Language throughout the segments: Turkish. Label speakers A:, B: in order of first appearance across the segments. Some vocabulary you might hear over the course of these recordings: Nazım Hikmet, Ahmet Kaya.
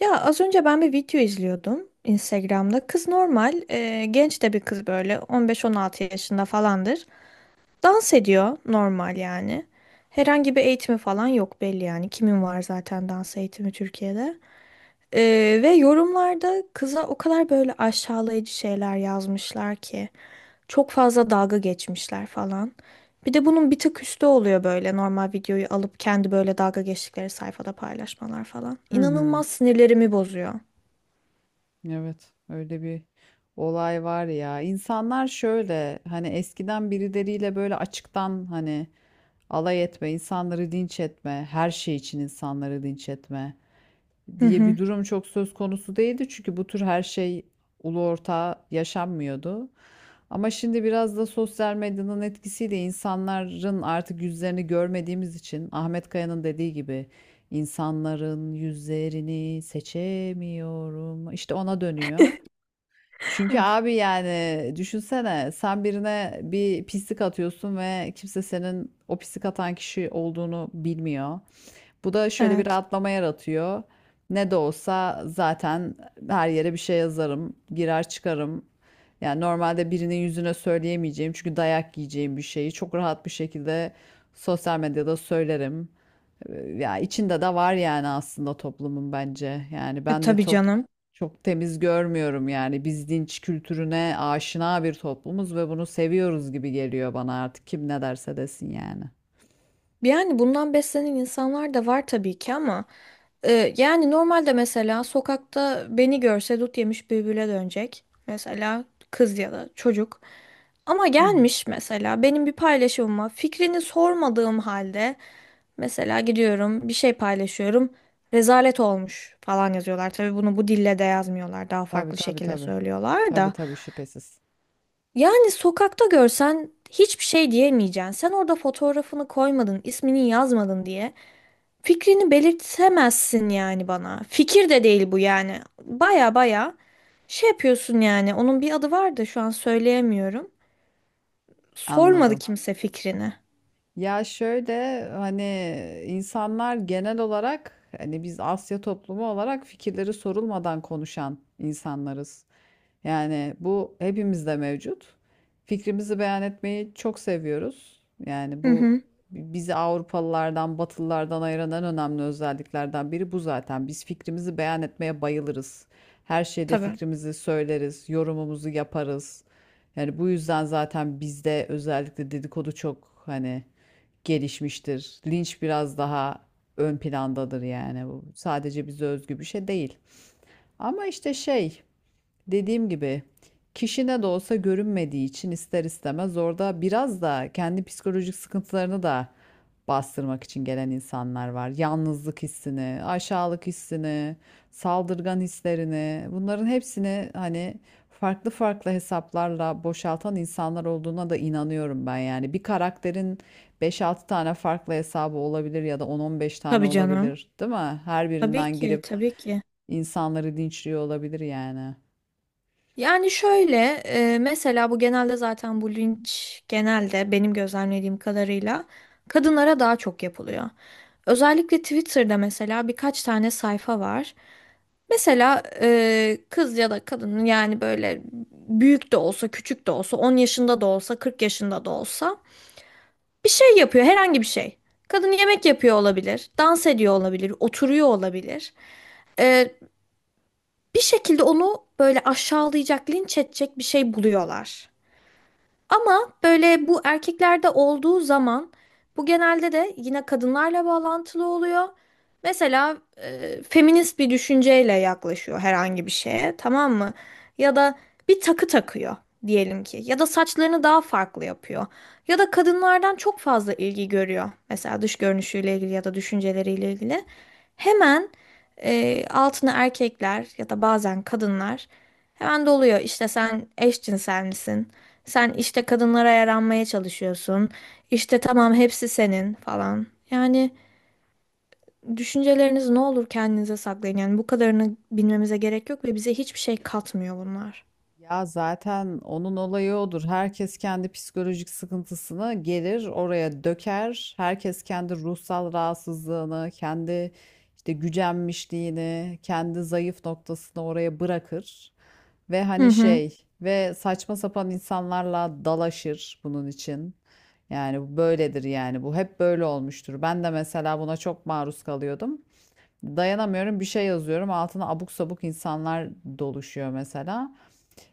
A: Ya az önce ben bir video izliyordum Instagram'da. Kız normal, genç de bir kız böyle 15-16 yaşında falandır. Dans ediyor normal yani. Herhangi bir eğitimi falan yok belli yani. Kimin var zaten dans eğitimi Türkiye'de? E, ve yorumlarda kıza o kadar böyle aşağılayıcı şeyler yazmışlar ki. Çok fazla dalga geçmişler falan. Bir de bunun bir tık üstü oluyor böyle normal videoyu alıp kendi böyle dalga geçtikleri sayfada paylaşmalar falan.
B: Hı hı.
A: İnanılmaz sinirlerimi bozuyor.
B: Evet, öyle bir olay var ya. İnsanlar şöyle hani eskiden birileriyle böyle açıktan hani alay etme, insanları dinç etme, her şey için insanları dinç etme
A: Hı
B: diye
A: hı.
B: bir durum çok söz konusu değildi. Çünkü bu tür her şey ulu orta yaşanmıyordu. Ama şimdi biraz da sosyal medyanın etkisiyle insanların artık yüzlerini görmediğimiz için Ahmet Kaya'nın dediği gibi insanların yüzlerini seçemiyorum. İşte ona dönüyor. Çünkü
A: Hı.
B: abi yani düşünsene sen birine bir pislik atıyorsun ve kimse senin o pislik atan kişi olduğunu bilmiyor. Bu da şöyle bir
A: Evet.
B: rahatlama yaratıyor. Ne de olsa zaten her yere bir şey yazarım, girer çıkarım. Yani normalde birinin yüzüne söyleyemeyeceğim çünkü dayak yiyeceğim bir şeyi çok rahat bir şekilde sosyal medyada söylerim. Ya içinde de var yani aslında toplumun bence. Yani ben de
A: Tabii canım.
B: çok temiz görmüyorum yani. Biz dinç kültürüne aşina bir toplumuz ve bunu seviyoruz gibi geliyor bana artık kim ne derse desin yani.
A: Yani bundan beslenen insanlar da var tabii ki ama yani normalde mesela sokakta beni görse dut yemiş bülbüle dönecek. Mesela kız ya da çocuk. Ama gelmiş mesela benim bir paylaşımıma fikrini sormadığım halde mesela gidiyorum bir şey paylaşıyorum. Rezalet olmuş falan yazıyorlar. Tabii bunu bu dille de yazmıyorlar. Daha
B: Tabii,
A: farklı
B: tabii,
A: şekilde
B: tabii.
A: söylüyorlar
B: Tabii,
A: da.
B: tabii, şüphesiz.
A: Yani sokakta görsen hiçbir şey diyemeyeceksin. Sen orada fotoğrafını koymadın, ismini yazmadın diye fikrini belirtemezsin yani bana. Fikir de değil bu yani. Baya baya şey yapıyorsun yani. Onun bir adı var da şu an söyleyemiyorum. Sormadı
B: Anladım.
A: kimse fikrini.
B: Ya şöyle hani insanlar genel olarak hani biz Asya toplumu olarak fikirleri sorulmadan konuşan insanlarız. Yani bu hepimizde mevcut. Fikrimizi beyan etmeyi çok seviyoruz. Yani
A: Hı
B: bu
A: hı.
B: bizi Avrupalılardan, Batılılardan ayıran en önemli özelliklerden biri bu zaten. Biz fikrimizi beyan etmeye bayılırız. Her şeyde
A: Tabii.
B: fikrimizi söyleriz, yorumumuzu yaparız. Yani bu yüzden zaten bizde özellikle dedikodu çok hani gelişmiştir. Linç biraz daha ön plandadır yani bu. Sadece bize özgü bir şey değil. Ama işte dediğim gibi kişine de olsa görünmediği için ister istemez orada biraz da kendi psikolojik sıkıntılarını da bastırmak için gelen insanlar var. Yalnızlık hissini, aşağılık hissini, saldırgan hislerini, bunların hepsini hani farklı farklı hesaplarla boşaltan insanlar olduğuna da inanıyorum ben yani. Bir karakterin beş altı tane farklı hesabı olabilir ya da on on beş tane
A: Tabii canım.
B: olabilir, değil mi? Her
A: Tabii
B: birinden
A: ki,
B: girip
A: tabii ki.
B: insanları dinçliyor olabilir yani.
A: Yani şöyle mesela bu genelde zaten bu linç genelde benim gözlemlediğim kadarıyla kadınlara daha çok yapılıyor. Özellikle Twitter'da mesela birkaç tane sayfa var. Mesela kız ya da kadın yani böyle büyük de olsa küçük de olsa 10 yaşında da olsa 40 yaşında da olsa bir şey yapıyor herhangi bir şey. Kadın yemek yapıyor olabilir, dans ediyor olabilir, oturuyor olabilir. E, bir şekilde onu böyle aşağılayacak, linç edecek bir şey buluyorlar. Ama böyle bu erkeklerde olduğu zaman bu genelde de yine kadınlarla bağlantılı oluyor. Mesela feminist bir düşünceyle yaklaşıyor herhangi bir şeye, tamam mı? Ya da bir takı takıyor diyelim ki ya da saçlarını daha farklı yapıyor. Ya da kadınlardan çok fazla ilgi görüyor. Mesela dış görünüşüyle ilgili ya da düşünceleriyle ilgili. Hemen altına erkekler ya da bazen kadınlar hemen doluyor. İşte sen eşcinsel misin? Sen işte kadınlara yaranmaya çalışıyorsun. İşte tamam hepsi senin falan. Yani düşünceleriniz ne olur kendinize saklayın. Yani bu kadarını bilmemize gerek yok ve bize hiçbir şey katmıyor bunlar.
B: Ya zaten onun olayı odur. Herkes kendi psikolojik sıkıntısını gelir oraya döker. Herkes kendi ruhsal rahatsızlığını, kendi işte gücenmişliğini, kendi zayıf noktasını oraya bırakır. Ve
A: Hı
B: hani
A: hı.
B: ve saçma sapan insanlarla dalaşır bunun için. Yani bu böyledir yani bu hep böyle olmuştur. Ben de mesela buna çok maruz kalıyordum. Dayanamıyorum bir şey yazıyorum altına abuk sabuk insanlar doluşuyor mesela.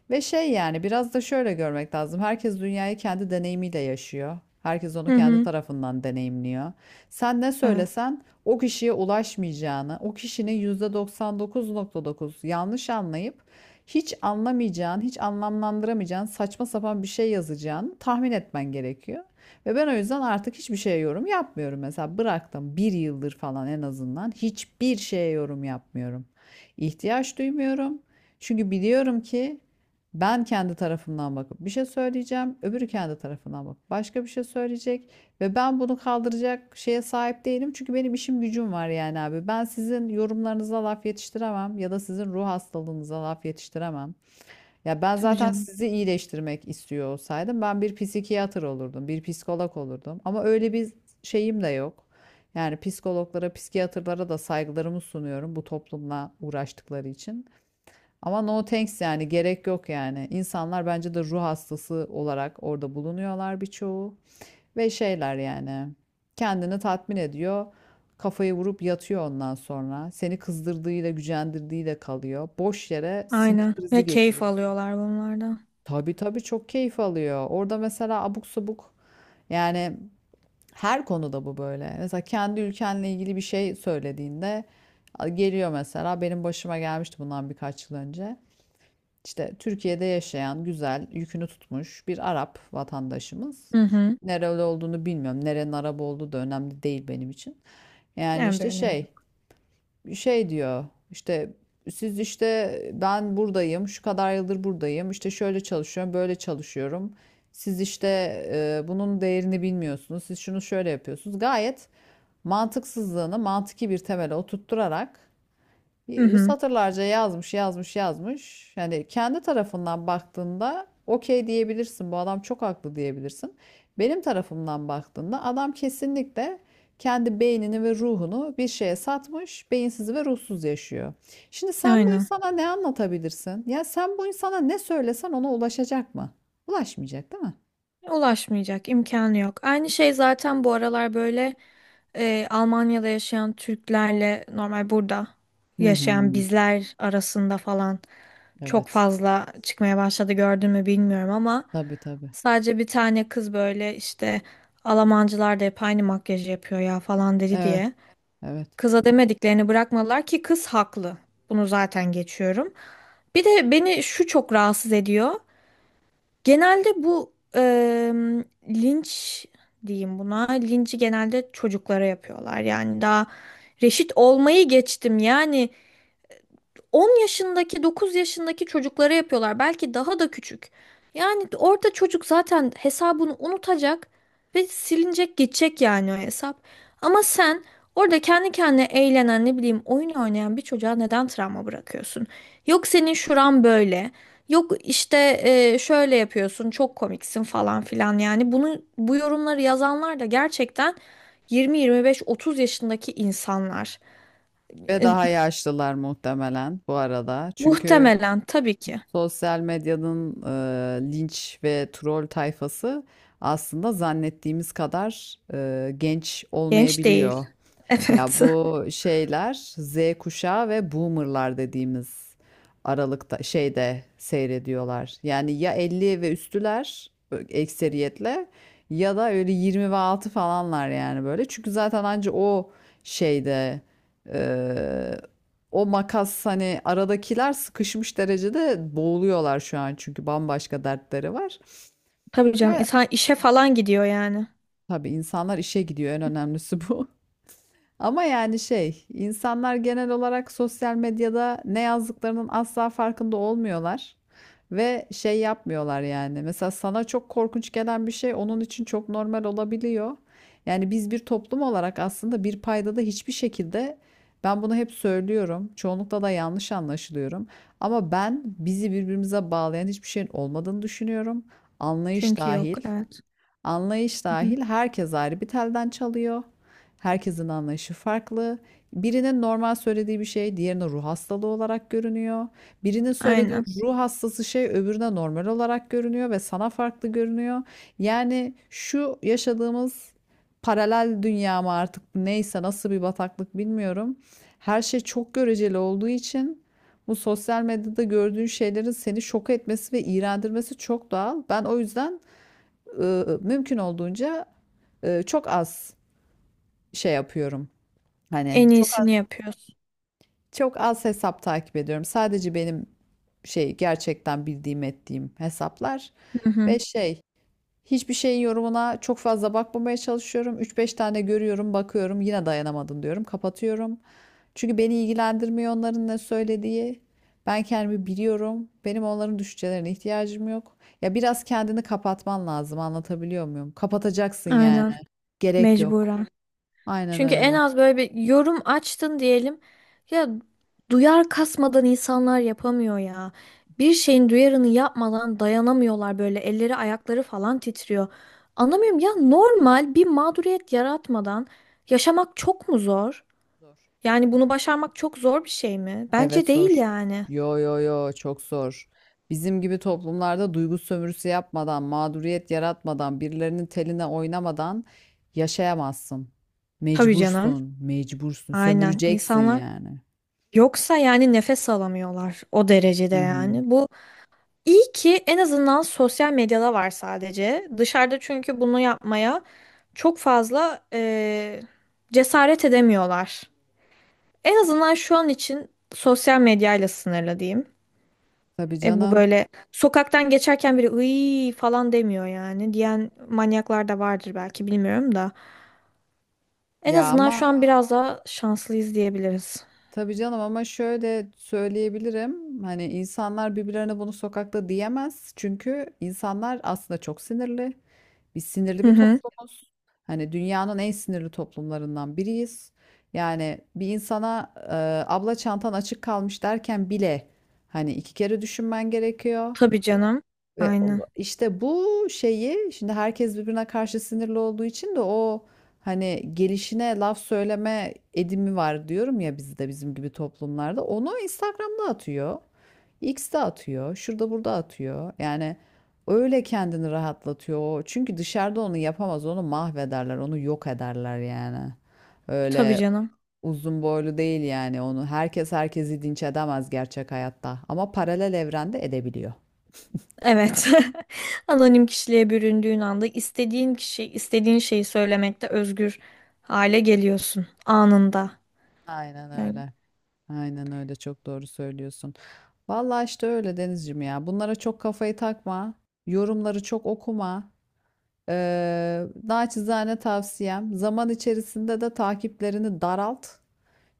B: Ve yani biraz da şöyle görmek lazım. Herkes dünyayı kendi deneyimiyle yaşıyor. Herkes onu
A: Hı
B: kendi
A: hı.
B: tarafından deneyimliyor. Sen ne
A: Evet.
B: söylesen o kişiye ulaşmayacağını, o kişinin %99,9 yanlış anlayıp hiç anlamayacağın, hiç anlamlandıramayacağın, saçma sapan bir şey yazacağını tahmin etmen gerekiyor. Ve ben o yüzden artık hiçbir şeye yorum yapmıyorum. Mesela bıraktım bir yıldır falan en azından hiçbir şeye yorum yapmıyorum. İhtiyaç duymuyorum. Çünkü biliyorum ki ben kendi tarafımdan bakıp bir şey söyleyeceğim, öbürü kendi tarafından bakıp başka bir şey söyleyecek ve ben bunu kaldıracak şeye sahip değilim çünkü benim işim gücüm var yani abi. Ben sizin yorumlarınıza laf yetiştiremem ya da sizin ruh hastalığınıza laf yetiştiremem. Ya ben
A: Tabii
B: zaten
A: canım.
B: sizi iyileştirmek istiyor olsaydım ben bir psikiyatr olurdum, bir psikolog olurdum ama öyle bir şeyim de yok. Yani psikologlara, psikiyatrlara da saygılarımı sunuyorum bu toplumla uğraştıkları için. Ama no thanks yani gerek yok yani. İnsanlar bence de ruh hastası olarak orada bulunuyorlar birçoğu. Ve yani kendini tatmin ediyor. Kafayı vurup yatıyor ondan sonra. Seni kızdırdığıyla gücendirdiğiyle kalıyor. Boş yere sinir
A: Aynen.
B: krizi
A: Ve keyif
B: geçiriyorsun.
A: alıyorlar bunlardan.
B: Tabii tabii çok keyif alıyor. Orada mesela abuk sabuk yani her konuda bu böyle. Mesela kendi ülkenle ilgili bir şey söylediğinde geliyor mesela benim başıma gelmişti bundan birkaç yıl önce. İşte Türkiye'de yaşayan güzel yükünü tutmuş bir Arap vatandaşımız.
A: Hı hı.
B: Nereli olduğunu bilmiyorum. Nerenin Arap olduğu da önemli değil benim için. Yani
A: En bir
B: işte
A: önemi.
B: şey diyor işte siz işte ben buradayım şu kadar yıldır buradayım işte şöyle çalışıyorum böyle çalışıyorum. Siz işte bunun değerini bilmiyorsunuz. Siz şunu şöyle yapıyorsunuz. Gayet mantıksızlığını mantıki bir temele oturtturarak
A: Hı hı.
B: satırlarca yazmış, yazmış, yazmış. Yani kendi tarafından baktığında okey diyebilirsin. Bu adam çok haklı diyebilirsin. Benim tarafımdan baktığında adam kesinlikle kendi beynini ve ruhunu bir şeye satmış, beyinsiz ve ruhsuz yaşıyor. Şimdi sen bu
A: Aynen.
B: insana ne anlatabilirsin? Ya sen bu insana ne söylesen ona ulaşacak mı? Ulaşmayacak, değil mi?
A: Ulaşmayacak imkanı yok. Aynı şey zaten bu aralar böyle Almanya'da yaşayan Türklerle normal burada
B: Hı hı.
A: yaşayan bizler arasında falan çok
B: Evet.
A: fazla çıkmaya başladı gördün mü bilmiyorum ama
B: Tabii tabii.
A: sadece bir tane kız böyle işte Almancılar da hep aynı makyajı yapıyor ya falan dedi
B: Evet,
A: diye.
B: evet.
A: Kıza demediklerini bırakmadılar ki kız haklı. Bunu zaten geçiyorum. Bir de beni şu çok rahatsız ediyor. Genelde bu linç diyeyim buna. Linci genelde çocuklara yapıyorlar. Yani daha reşit olmayı geçtim. Yani 10 yaşındaki, 9 yaşındaki çocuklara yapıyorlar. Belki daha da küçük. Yani orada çocuk zaten hesabını unutacak ve silinecek, geçecek yani o hesap. Ama sen orada kendi kendine eğlenen, ne bileyim, oyun oynayan bir çocuğa neden travma bırakıyorsun? Yok senin şuran böyle. Yok işte şöyle yapıyorsun, çok komiksin falan filan. Yani bunu bu yorumları yazanlar da gerçekten 20, 25, 30 yaşındaki insanlar.
B: Ve
A: E,
B: daha yaşlılar muhtemelen bu arada. Çünkü
A: muhtemelen tabii ki.
B: sosyal medyanın linç ve troll tayfası aslında zannettiğimiz kadar genç
A: Genç değil.
B: olmayabiliyor. Ya
A: Evet.
B: bu şeyler Z kuşağı ve boomerlar dediğimiz aralıkta şeyde seyrediyorlar. Yani ya 50 ve üstüler ekseriyetle ya da öyle 20 ve altı falanlar yani böyle. Çünkü zaten anca o şeyde e, o makas hani aradakiler sıkışmış derecede boğuluyorlar şu an çünkü bambaşka dertleri var.
A: Tabii canım
B: Ya
A: insan işe falan gidiyor yani.
B: tabii insanlar işe gidiyor en önemlisi bu. Ama yani insanlar genel olarak sosyal medyada ne yazdıklarının asla farkında olmuyorlar ve şey yapmıyorlar yani. Mesela sana çok korkunç gelen bir şey onun için çok normal olabiliyor. Yani biz bir toplum olarak aslında bir paydada hiçbir şekilde ben bunu hep söylüyorum. Çoğunlukla da yanlış anlaşılıyorum. Ama ben bizi birbirimize bağlayan hiçbir şeyin olmadığını düşünüyorum. Anlayış
A: Çünkü yok
B: dahil.
A: evet.
B: Anlayış
A: Hı hı.
B: dahil herkes ayrı bir telden çalıyor. Herkesin anlayışı farklı. Birinin normal söylediği bir şey diğerine ruh hastalığı olarak görünüyor. Birinin söylediği
A: Aynen.
B: ruh hastası şey öbürüne normal olarak görünüyor ve sana farklı görünüyor. Yani şu yaşadığımız paralel dünya mı artık neyse nasıl bir bataklık bilmiyorum. Her şey çok göreceli olduğu için bu sosyal medyada gördüğün şeylerin seni şok etmesi ve iğrendirmesi çok doğal. Ben o yüzden mümkün olduğunca, çok az şey yapıyorum. Hani
A: En
B: çok
A: iyisini
B: az
A: yapıyorsun.
B: çok az hesap takip ediyorum. Sadece benim gerçekten bildiğim ettiğim hesaplar
A: Hı
B: ve
A: hı.
B: hiçbir şeyin yorumuna çok fazla bakmamaya çalışıyorum. Üç beş tane görüyorum, bakıyorum, yine dayanamadım diyorum, kapatıyorum. Çünkü beni ilgilendirmiyor onların ne söylediği. Ben kendimi biliyorum. Benim onların düşüncelerine ihtiyacım yok. Ya biraz kendini kapatman lazım, anlatabiliyor muyum? Kapatacaksın yani.
A: Aynen.
B: Gerek yok.
A: Mecburen.
B: Aynen
A: Çünkü en
B: öyle.
A: az böyle bir yorum açtın diyelim. Ya duyar kasmadan insanlar yapamıyor ya. Bir şeyin duyarını yapmadan dayanamıyorlar böyle elleri ayakları falan titriyor. Anlamıyorum ya normal bir mağduriyet yaratmadan yaşamak çok mu zor?
B: Zor.
A: Yani bunu başarmak çok zor bir şey mi?
B: Evet
A: Bence değil
B: zor.
A: yani.
B: Yo yo yo çok zor. Bizim gibi toplumlarda duygu sömürüsü yapmadan, mağduriyet yaratmadan, birilerinin teline oynamadan yaşayamazsın.
A: Tabii canım.
B: Mecbursun, mecbursun,
A: Aynen.
B: sömüreceksin
A: İnsanlar
B: yani.
A: yoksa yani nefes alamıyorlar o derecede
B: Hı hı.
A: yani. Bu iyi ki en azından sosyal medyada var sadece. Dışarıda çünkü bunu yapmaya çok fazla cesaret edemiyorlar. En azından şu an için sosyal medyayla sınırlı diyeyim.
B: Tabii
A: Bu
B: canım.
A: böyle sokaktan geçerken biri ıy falan demiyor yani. Diyen manyaklar da vardır belki bilmiyorum da. En
B: Ya
A: azından şu
B: ama
A: an biraz daha şanslıyız diyebiliriz.
B: tabii canım ama şöyle söyleyebilirim. Hani insanlar birbirlerine bunu sokakta diyemez. Çünkü insanlar aslında çok sinirli. Biz sinirli
A: Hı
B: bir
A: hı.
B: toplumuz. Hani dünyanın en sinirli toplumlarından biriyiz. Yani bir insana abla çantan açık kalmış derken bile hani iki kere düşünmen gerekiyor.
A: Tabii canım.
B: Ve o
A: Aynen.
B: işte bu şeyi şimdi herkes birbirine karşı sinirli olduğu için de o hani gelişine laf söyleme edimi var diyorum ya bizde bizim gibi toplumlarda. Onu Instagram'da atıyor. X'de atıyor. Şurada burada atıyor. Yani öyle kendini rahatlatıyor o. Çünkü dışarıda onu yapamaz. Onu mahvederler. Onu yok ederler yani.
A: Tabii
B: Öyle
A: canım.
B: uzun boylu değil yani onu. Herkes herkesi dinç edemez gerçek hayatta. Ama paralel evrende edebiliyor.
A: Evet. Anonim kişiliğe büründüğün anda istediğin kişi, istediğin şeyi söylemekte özgür hale geliyorsun anında.
B: Aynen
A: Yani.
B: öyle. Aynen öyle çok doğru söylüyorsun. Vallahi işte öyle Denizciğim ya. Bunlara çok kafayı takma. Yorumları çok okuma. Naçizane tavsiyem zaman içerisinde de takiplerini daralt.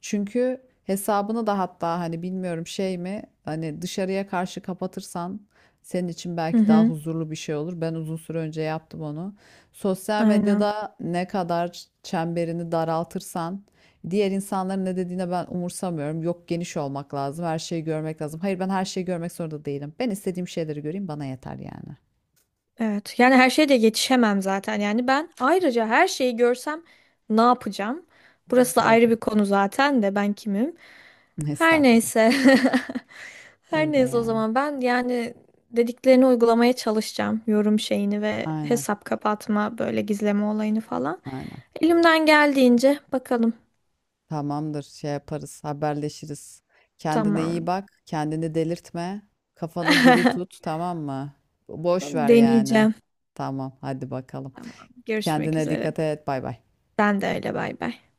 B: Çünkü hesabını da hatta hani bilmiyorum şey mi hani dışarıya karşı kapatırsan senin için
A: Hı
B: belki daha
A: hı.
B: huzurlu bir şey olur. Ben uzun süre önce yaptım onu. Sosyal
A: Aynen.
B: medyada ne kadar çemberini daraltırsan diğer insanların ne dediğine ben umursamıyorum. Yok geniş olmak lazım, her şeyi görmek lazım. Hayır ben her şeyi görmek zorunda değilim. Ben istediğim şeyleri göreyim bana yeter yani.
A: Evet. Yani her şeye de yetişemem zaten. Yani ben ayrıca her şeyi görsem ne yapacağım? Burası da
B: Gerek
A: ayrı
B: yok.
A: bir konu zaten de ben kimim? Her
B: Estağfurullah.
A: neyse. Her
B: Öyle
A: neyse o
B: yani.
A: zaman ben yani dediklerini uygulamaya çalışacağım. Yorum şeyini ve
B: Aynen.
A: hesap kapatma böyle gizleme olayını falan.
B: Aynen.
A: Elimden geldiğince bakalım.
B: Tamamdır, şey yaparız, haberleşiriz. Kendine iyi
A: Tamam.
B: bak, kendini delirtme, kafanı diri tut, tamam mı? Boş ver yani.
A: Deneyeceğim.
B: Tamam, hadi bakalım.
A: Tamam. Görüşmek
B: Kendine
A: üzere.
B: dikkat et, bay bay.
A: Sen de öyle bay bay.